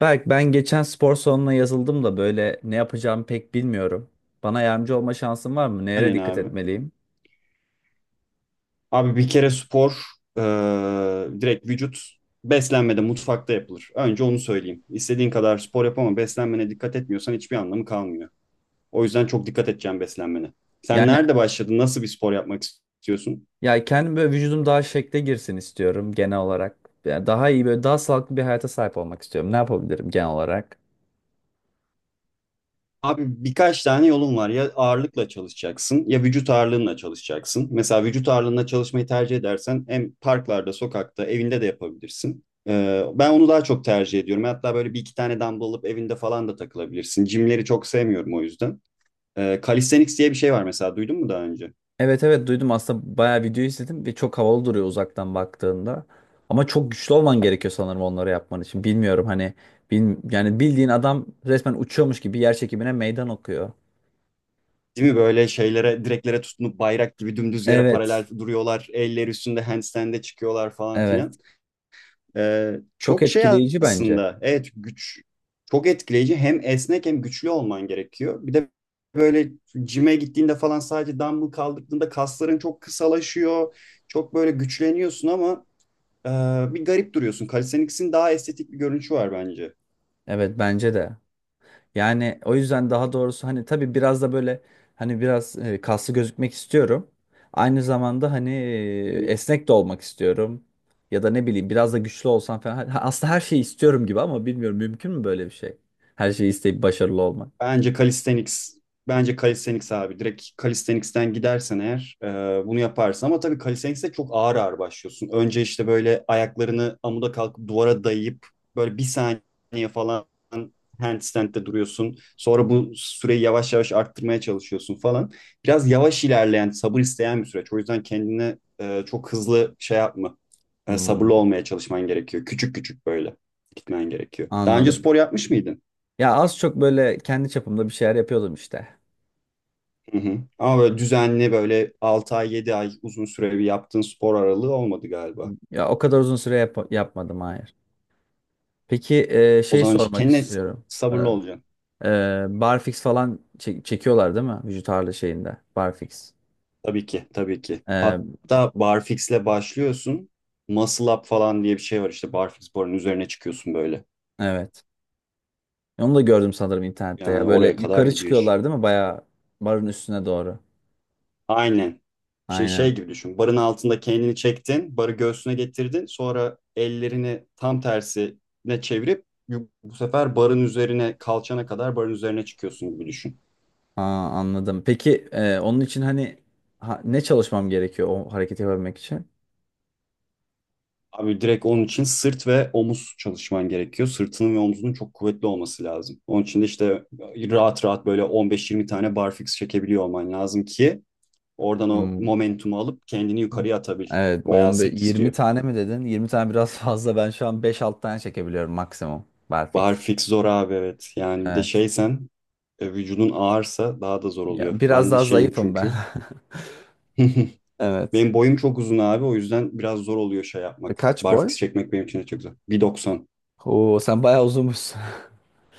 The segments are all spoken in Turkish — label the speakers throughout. Speaker 1: Berk, ben geçen spor salonuna yazıldım da böyle ne yapacağımı pek bilmiyorum. Bana yardımcı olma şansın var mı? Nereye
Speaker 2: Aynen
Speaker 1: dikkat
Speaker 2: abi.
Speaker 1: etmeliyim?
Speaker 2: Abi bir kere spor e, direkt vücut beslenmede mutfakta yapılır. Önce onu söyleyeyim. İstediğin kadar spor yap ama beslenmene dikkat etmiyorsan hiçbir anlamı kalmıyor. O yüzden çok dikkat edeceğim beslenmene. Sen
Speaker 1: Yani
Speaker 2: nerede başladın? Nasıl bir spor yapmak istiyorsun?
Speaker 1: ya kendim böyle vücudum daha şekle girsin istiyorum genel olarak. Yani daha iyi böyle daha sağlıklı bir hayata sahip olmak istiyorum. Ne yapabilirim genel olarak?
Speaker 2: Abi birkaç tane yolun var. Ya ağırlıkla çalışacaksın ya vücut ağırlığınla çalışacaksın. Mesela vücut ağırlığına çalışmayı tercih edersen hem parklarda, sokakta, evinde de yapabilirsin. Ben onu daha çok tercih ediyorum. Hatta böyle bir iki tane dumbbell alıp evinde falan da takılabilirsin. Jimleri çok sevmiyorum o yüzden. Calisthenics diye bir şey var mesela, duydun mu daha önce?
Speaker 1: Evet, evet, duydum aslında bayağı video izledim ve çok havalı duruyor uzaktan baktığında. Ama çok güçlü olman gerekiyor sanırım onları yapman için. Bilmiyorum, hani yani bildiğin adam resmen uçuyormuş gibi yer çekimine meydan okuyor.
Speaker 2: Değil mi, böyle şeylere, direklere tutunup bayrak gibi dümdüz yere
Speaker 1: Evet.
Speaker 2: paralel duruyorlar. Elleri üstünde handstand'e çıkıyorlar falan
Speaker 1: Evet.
Speaker 2: filan.
Speaker 1: Çok
Speaker 2: Çok şey
Speaker 1: etkileyici bence.
Speaker 2: aslında. Evet, güç çok etkileyici. Hem esnek hem güçlü olman gerekiyor. Bir de böyle cime gittiğinde falan sadece dumbbell kaldırdığında kasların çok kısalaşıyor. Çok böyle güçleniyorsun ama e, bir garip duruyorsun. Calisthenics'in daha estetik bir görünüşü var bence.
Speaker 1: Evet, bence de. Yani o yüzden daha doğrusu hani tabii biraz da böyle hani biraz kaslı gözükmek istiyorum. Aynı zamanda hani esnek de olmak istiyorum. Ya da ne bileyim biraz da güçlü olsam falan. Aslında her şeyi istiyorum gibi ama bilmiyorum mümkün mü böyle bir şey? Her şeyi isteyip başarılı olmak.
Speaker 2: Bence calisthenics. Bence calisthenics abi. Direkt calisthenics'ten gidersen eğer bunu yaparsın. Ama tabii calisthenics'te çok ağır ağır başlıyorsun. Önce işte böyle ayaklarını amuda kalkıp duvara dayayıp böyle bir saniye falan handstand'de duruyorsun. Sonra bu süreyi yavaş yavaş arttırmaya çalışıyorsun falan. Biraz yavaş ilerleyen, sabır isteyen bir süreç. O yüzden kendine çok hızlı şey yapma. Sabırlı
Speaker 1: Hmm.
Speaker 2: olmaya çalışman gerekiyor. Küçük küçük böyle gitmen gerekiyor. Daha önce
Speaker 1: Anladım.
Speaker 2: spor yapmış mıydın?
Speaker 1: Ya az çok böyle kendi çapımda bir şeyler yapıyordum işte.
Speaker 2: Hı hı. Ama böyle düzenli, böyle 6 ay 7 ay uzun süreli bir yaptığın spor aralığı olmadı galiba.
Speaker 1: Ya o kadar uzun süre yapmadım, hayır. Peki,
Speaker 2: O
Speaker 1: şey
Speaker 2: zaman işte
Speaker 1: sormak
Speaker 2: kendine
Speaker 1: istiyorum. E,
Speaker 2: sabırlı olacaksın.
Speaker 1: barfix falan çekiyorlar değil mi? Vücut ağırlığı şeyinde. Barfix.
Speaker 2: Tabii ki, tabii ki.
Speaker 1: Ee,
Speaker 2: Hatta barfix'le başlıyorsun. Muscle up falan diye bir şey var, işte barfix barın üzerine çıkıyorsun böyle.
Speaker 1: evet. Onu da gördüm sanırım internette ya.
Speaker 2: Yani
Speaker 1: Böyle
Speaker 2: oraya kadar
Speaker 1: yukarı
Speaker 2: gidiyor iş.
Speaker 1: çıkıyorlar değil mi? Bayağı barın üstüne doğru.
Speaker 2: Aynen. Şey, şey
Speaker 1: Aynen.
Speaker 2: gibi düşün. Barın altında kendini çektin. Barı göğsüne getirdin. Sonra ellerini tam tersine çevirip bu sefer barın üzerine, kalçana kadar barın üzerine çıkıyorsun gibi düşün.
Speaker 1: Aa, anladım. Peki, onun için hani ne çalışmam gerekiyor o hareketi yapabilmek için?
Speaker 2: Abi direkt onun için sırt ve omuz çalışman gerekiyor. Sırtının ve omzunun çok kuvvetli olması lazım. Onun için de işte rahat rahat böyle 15-20 tane barfix çekebiliyor olman lazım ki oradan o
Speaker 1: Hmm,
Speaker 2: momentumu alıp kendini yukarıya atabil.
Speaker 1: evet.
Speaker 2: Bayağı
Speaker 1: 15,
Speaker 2: sırt
Speaker 1: 20
Speaker 2: istiyor.
Speaker 1: tane mi dedin? 20 tane biraz fazla. Ben şu an 5-6 tane çekebiliyorum maksimum. Barfix.
Speaker 2: Barfix zor abi, evet. Yani bir de
Speaker 1: Evet.
Speaker 2: şeysen vücudun ağırsa daha da zor
Speaker 1: Ya,
Speaker 2: oluyor.
Speaker 1: biraz
Speaker 2: Ben de
Speaker 1: daha
Speaker 2: şeyim
Speaker 1: zayıfım ben.
Speaker 2: çünkü.
Speaker 1: Evet.
Speaker 2: Benim boyum çok uzun abi, o yüzden biraz zor oluyor şey
Speaker 1: E,
Speaker 2: yapmak.
Speaker 1: Kaç boy?
Speaker 2: Barfix çekmek benim için de çok zor. 1.90.
Speaker 1: Oo, sen bayağı uzunmuşsun.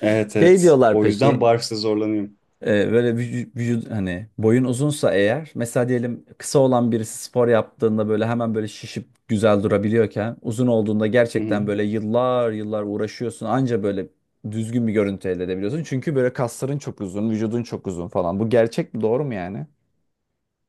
Speaker 2: Evet,
Speaker 1: Şey
Speaker 2: evet.
Speaker 1: diyorlar
Speaker 2: O yüzden
Speaker 1: peki,
Speaker 2: barfix'e zorlanıyorum.
Speaker 1: böyle vücut hani boyun uzunsa eğer, mesela diyelim kısa olan birisi spor yaptığında böyle hemen böyle şişip güzel durabiliyorken, uzun olduğunda gerçekten böyle yıllar yıllar uğraşıyorsun anca böyle düzgün bir görüntü elde edebiliyorsun. Çünkü böyle kasların çok uzun, vücudun çok uzun falan. Bu gerçek mi, doğru mu yani?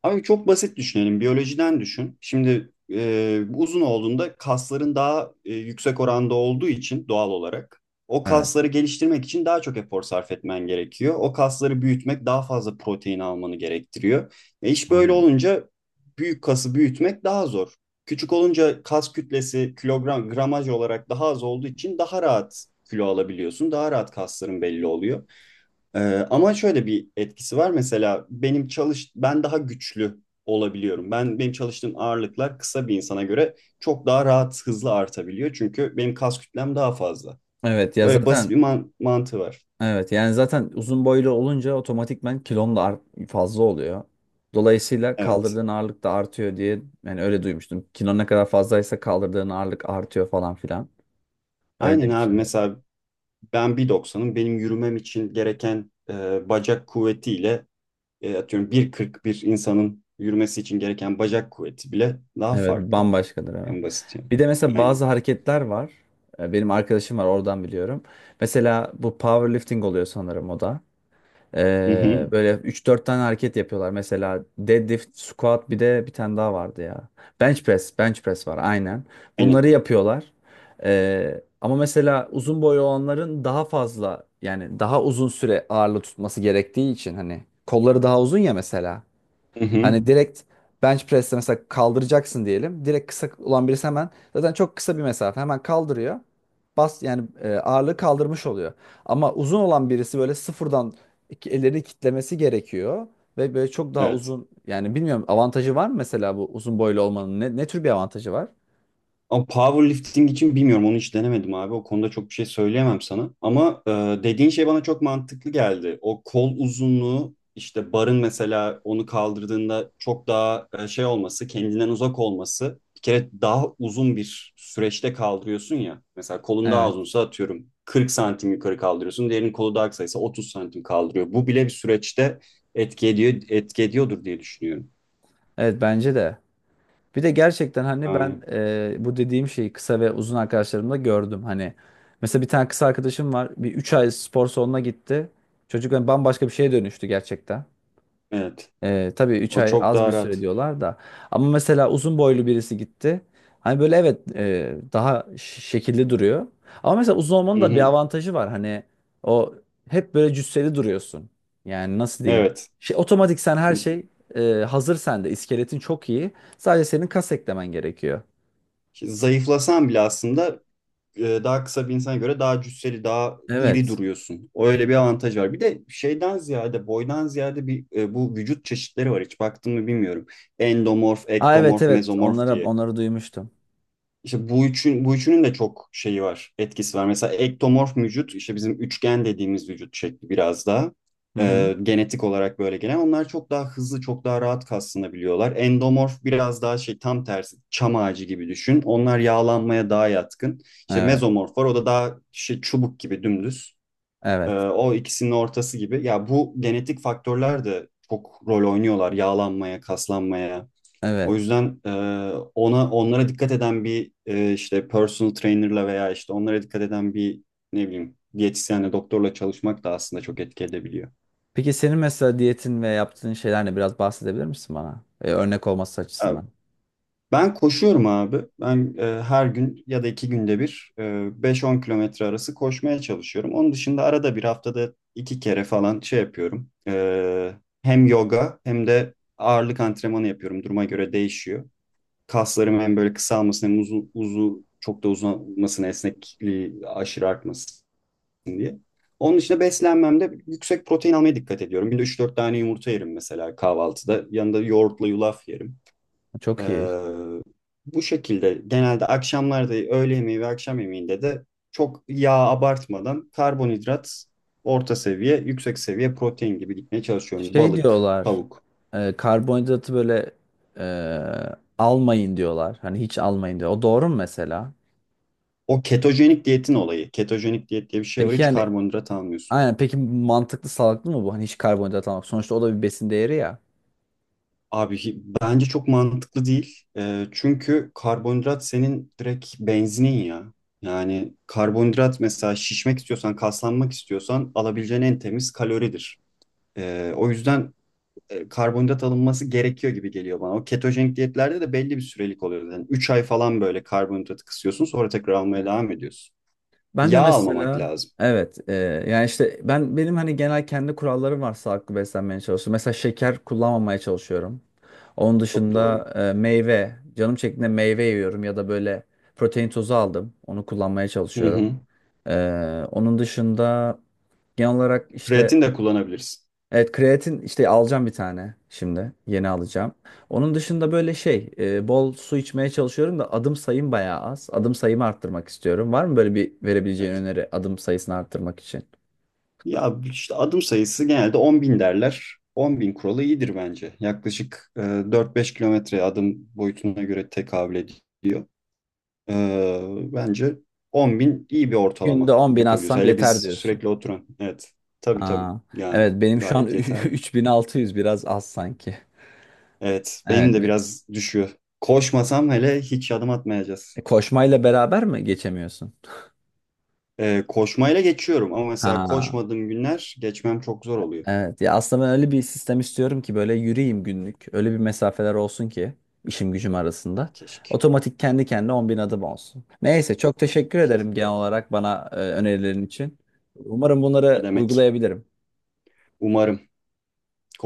Speaker 2: Abi çok basit düşünelim. Biyolojiden düşün. Şimdi uzun olduğunda kasların daha yüksek oranda olduğu için doğal olarak o
Speaker 1: Evet.
Speaker 2: kasları geliştirmek için daha çok efor sarf etmen gerekiyor. O kasları büyütmek daha fazla protein almanı gerektiriyor. İş böyle
Speaker 1: Hmm.
Speaker 2: olunca büyük kası büyütmek daha zor. Küçük olunca kas kütlesi kilogram gramaj olarak daha az olduğu için daha rahat kilo alabiliyorsun. Daha rahat kasların belli oluyor. Ee, Ama şöyle bir etkisi var. Mesela benim çalış, ben daha güçlü olabiliyorum. Ben, benim çalıştığım ağırlıklar kısa bir insana göre çok daha rahat, hızlı artabiliyor. Çünkü benim kas kütlem daha fazla.
Speaker 1: Evet ya
Speaker 2: Böyle basit bir
Speaker 1: zaten
Speaker 2: mantığı var.
Speaker 1: Evet, yani zaten uzun boylu olunca otomatikman kilon da fazla oluyor. Dolayısıyla
Speaker 2: Evet.
Speaker 1: kaldırdığın ağırlık da artıyor diye yani öyle duymuştum. Kilon ne kadar fazlaysa kaldırdığın ağırlık artıyor falan filan. Öyle
Speaker 2: Aynen abi,
Speaker 1: demişler.
Speaker 2: mesela ben 1.90'ım. Benim yürümem için gereken bacak kuvvetiyle, atıyorum 1.40 bir insanın yürümesi için gereken bacak kuvveti bile daha
Speaker 1: Evet,
Speaker 2: farklı.
Speaker 1: bambaşkadır, evet.
Speaker 2: En basit yani.
Speaker 1: Bir de mesela
Speaker 2: Aynen.
Speaker 1: bazı hareketler var. Benim arkadaşım var oradan biliyorum. Mesela bu powerlifting oluyor sanırım o da.
Speaker 2: Hı hı.
Speaker 1: Böyle üç dört tane hareket yapıyorlar. Mesela deadlift, squat, bir de bir tane daha vardı ya. Bench press, bench press var, aynen.
Speaker 2: Aynen.
Speaker 1: Bunları yapıyorlar. Ama mesela uzun boylu olanların daha fazla yani daha uzun süre ağırlığı tutması gerektiği için hani kolları daha uzun ya mesela.
Speaker 2: Hı hı.
Speaker 1: Hani direkt bench press'te mesela kaldıracaksın diyelim. Direkt kısa olan birisi hemen zaten çok kısa bir mesafe hemen kaldırıyor. Bas yani, ağırlığı kaldırmış oluyor. Ama uzun olan birisi böyle sıfırdan ellerini kitlemesi gerekiyor ve böyle çok daha
Speaker 2: Evet.
Speaker 1: uzun yani bilmiyorum avantajı var mı mesela bu uzun boylu olmanın ne tür bir avantajı var?
Speaker 2: Ama powerlifting için bilmiyorum, onu hiç denemedim abi. O konuda çok bir şey söyleyemem sana. Ama dediğin şey bana çok mantıklı geldi. O kol uzunluğu, işte barın mesela onu kaldırdığında çok daha şey olması, kendinden uzak olması. Bir kere daha uzun bir süreçte kaldırıyorsun ya. Mesela kolun daha
Speaker 1: Evet.
Speaker 2: uzunsa atıyorum 40 santim yukarı kaldırıyorsun. Diğerinin kolu daha kısaysa 30 santim kaldırıyor. Bu bile bir süreçte etki ediyor, etki ediyordur diye düşünüyorum.
Speaker 1: Evet, bence de. Bir de gerçekten hani ben
Speaker 2: Yani
Speaker 1: bu dediğim şeyi kısa ve uzun arkadaşlarımda gördüm. Hani mesela bir tane kısa arkadaşım var. Bir 3 ay spor salonuna gitti. Çocuk hani bambaşka bir şeye dönüştü gerçekten.
Speaker 2: evet.
Speaker 1: Tabii 3
Speaker 2: O
Speaker 1: ay
Speaker 2: çok
Speaker 1: az bir
Speaker 2: daha
Speaker 1: süre
Speaker 2: rahat.
Speaker 1: diyorlar da. Ama mesela uzun boylu birisi gitti. Hani böyle evet, daha şekilli duruyor. Ama mesela uzun olmanın
Speaker 2: Hı
Speaker 1: da bir
Speaker 2: hı.
Speaker 1: avantajı var. Hani o hep böyle cüsseli duruyorsun. Yani nasıl diyeyim?
Speaker 2: Evet.
Speaker 1: Şey, otomatik sen her şey hazır sende. İskeletin çok iyi. Sadece senin kas eklemen gerekiyor.
Speaker 2: Şimdi zayıflasan bile aslında daha kısa bir insana göre daha cüsseli, daha iri
Speaker 1: Evet.
Speaker 2: duruyorsun. Öyle bir avantaj var. Bir de şeyden ziyade, boydan ziyade bir bu vücut çeşitleri var. Hiç baktın mı bilmiyorum. Endomorf,
Speaker 1: Aa, evet,
Speaker 2: ektomorf,
Speaker 1: evet,
Speaker 2: mezomorf
Speaker 1: onlara
Speaker 2: diye.
Speaker 1: onları duymuştum.
Speaker 2: İşte bu üçünün de çok şeyi var, etkisi var. Mesela ektomorf vücut, işte bizim üçgen dediğimiz vücut şekli, biraz daha
Speaker 1: Hı hı.
Speaker 2: genetik olarak böyle gelen. Onlar çok daha hızlı, çok daha rahat kaslanabiliyorlar. Endomorf biraz daha şey, tam tersi, çam ağacı gibi düşün. Onlar yağlanmaya daha yatkın. İşte
Speaker 1: Evet.
Speaker 2: mezomorf var, o da daha şey, çubuk gibi dümdüz.
Speaker 1: Evet.
Speaker 2: O ikisinin ortası gibi. Ya bu genetik faktörler de çok rol oynuyorlar yağlanmaya, kaslanmaya, o
Speaker 1: Evet.
Speaker 2: yüzden onlara dikkat eden bir işte personal trainer'la veya işte onlara dikkat eden bir ne bileyim diyetisyenle, doktorla çalışmak da aslında çok etki edebiliyor.
Speaker 1: Peki senin mesela diyetin ve yaptığın şeylerle biraz bahsedebilir misin bana? Örnek olması
Speaker 2: E,
Speaker 1: açısından.
Speaker 2: Ben koşuyorum abi. Ben her gün ya da iki günde bir 5-10 kilometre arası koşmaya çalışıyorum. Onun dışında arada bir, haftada iki kere falan şey yapıyorum. Hem yoga hem de ağırlık antrenmanı yapıyorum. Duruma göre değişiyor. Kaslarım hem böyle kısalmasın hem uzu uzu çok da uzamasın, esnekliği aşırı artmasın diye. Onun dışında beslenmemde yüksek protein almaya dikkat ediyorum. Günde üç dört tane yumurta yerim mesela kahvaltıda. Yanında yoğurtla yulaf yerim. Ee,
Speaker 1: Çok iyi.
Speaker 2: Bu şekilde genelde akşamlarda, öğle yemeği ve akşam yemeğinde de çok yağ abartmadan karbonhidrat orta seviye, yüksek seviye protein gibi gitmeye çalışıyorum.
Speaker 1: Şey
Speaker 2: Balık,
Speaker 1: diyorlar,
Speaker 2: tavuk.
Speaker 1: karbonhidratı böyle almayın diyorlar. Hani hiç almayın diyor. O doğru mu mesela?
Speaker 2: O ketojenik diyetin olayı. Ketojenik diyet diye bir şey var.
Speaker 1: Peki
Speaker 2: Hiç
Speaker 1: yani
Speaker 2: karbonhidrat almıyorsun.
Speaker 1: aynen, peki mantıklı, sağlıklı mı bu? Hani hiç karbonhidrat almak. Sonuçta o da bir besin değeri ya.
Speaker 2: Abi bence çok mantıklı değil. Çünkü karbonhidrat senin direkt benzinin ya. Yani karbonhidrat mesela şişmek istiyorsan, kaslanmak istiyorsan alabileceğin en temiz kaloridir. O yüzden karbonhidrat alınması gerekiyor gibi geliyor bana. O ketojenik diyetlerde de belli bir sürelik oluyor. Yani 3 ay falan böyle karbonhidratı kısıyorsun, sonra tekrar almaya
Speaker 1: Evet.
Speaker 2: devam ediyorsun.
Speaker 1: Ben de
Speaker 2: Yağ almamak
Speaker 1: mesela
Speaker 2: lazım.
Speaker 1: evet, yani işte benim hani genel kendi kurallarım var sağlıklı beslenmeye çalışıyorum. Mesela şeker kullanmamaya çalışıyorum. Onun
Speaker 2: Çok doğru.
Speaker 1: dışında meyve. Canım çektiğinde meyve yiyorum ya da böyle protein tozu aldım. Onu kullanmaya
Speaker 2: Hı
Speaker 1: çalışıyorum.
Speaker 2: hı.
Speaker 1: Onun dışında genel olarak işte
Speaker 2: Kreatin de kullanabilirsin.
Speaker 1: evet, kreatin işte alacağım bir tane şimdi. Yeni alacağım. Onun dışında böyle şey, bol su içmeye çalışıyorum da adım sayım bayağı az. Adım sayımı arttırmak istiyorum. Var mı böyle bir verebileceğin
Speaker 2: Evet.
Speaker 1: öneri adım sayısını arttırmak için?
Speaker 2: Ya işte adım sayısı genelde 10 bin derler. 10 bin kuralı iyidir bence. Yaklaşık 4-5 kilometre adım boyutuna göre tekabül ediyor. E, Bence 10 bin iyi bir
Speaker 1: Günde
Speaker 2: ortalama
Speaker 1: 10 bin
Speaker 2: yapabiliyoruz.
Speaker 1: atsam
Speaker 2: Hele
Speaker 1: yeter
Speaker 2: biz
Speaker 1: diyorsun.
Speaker 2: sürekli oturan. Evet. Tabii, tabii.
Speaker 1: Aa,
Speaker 2: Yani
Speaker 1: evet, benim şu an
Speaker 2: gayet yeterli.
Speaker 1: 3.600 biraz az sanki.
Speaker 2: Evet. Benim de
Speaker 1: Evet.
Speaker 2: biraz düşüyor. Koşmasam hele hiç adım atmayacağız.
Speaker 1: Koşmayla beraber mi geçemiyorsun?
Speaker 2: Koşmayla geçiyorum ama mesela
Speaker 1: Ha,
Speaker 2: koşmadığım günler geçmem çok zor oluyor.
Speaker 1: evet. Ya aslında ben öyle bir sistem istiyorum ki böyle yürüyeyim günlük. Öyle bir mesafeler olsun ki işim gücüm arasında.
Speaker 2: Keşke.
Speaker 1: Otomatik kendi kendine 10 bin adım olsun. Neyse, çok teşekkür
Speaker 2: İşte
Speaker 1: ederim genel olarak bana önerilerin için. Umarım
Speaker 2: ne
Speaker 1: bunları
Speaker 2: demek.
Speaker 1: uygulayabilirim.
Speaker 2: Umarım.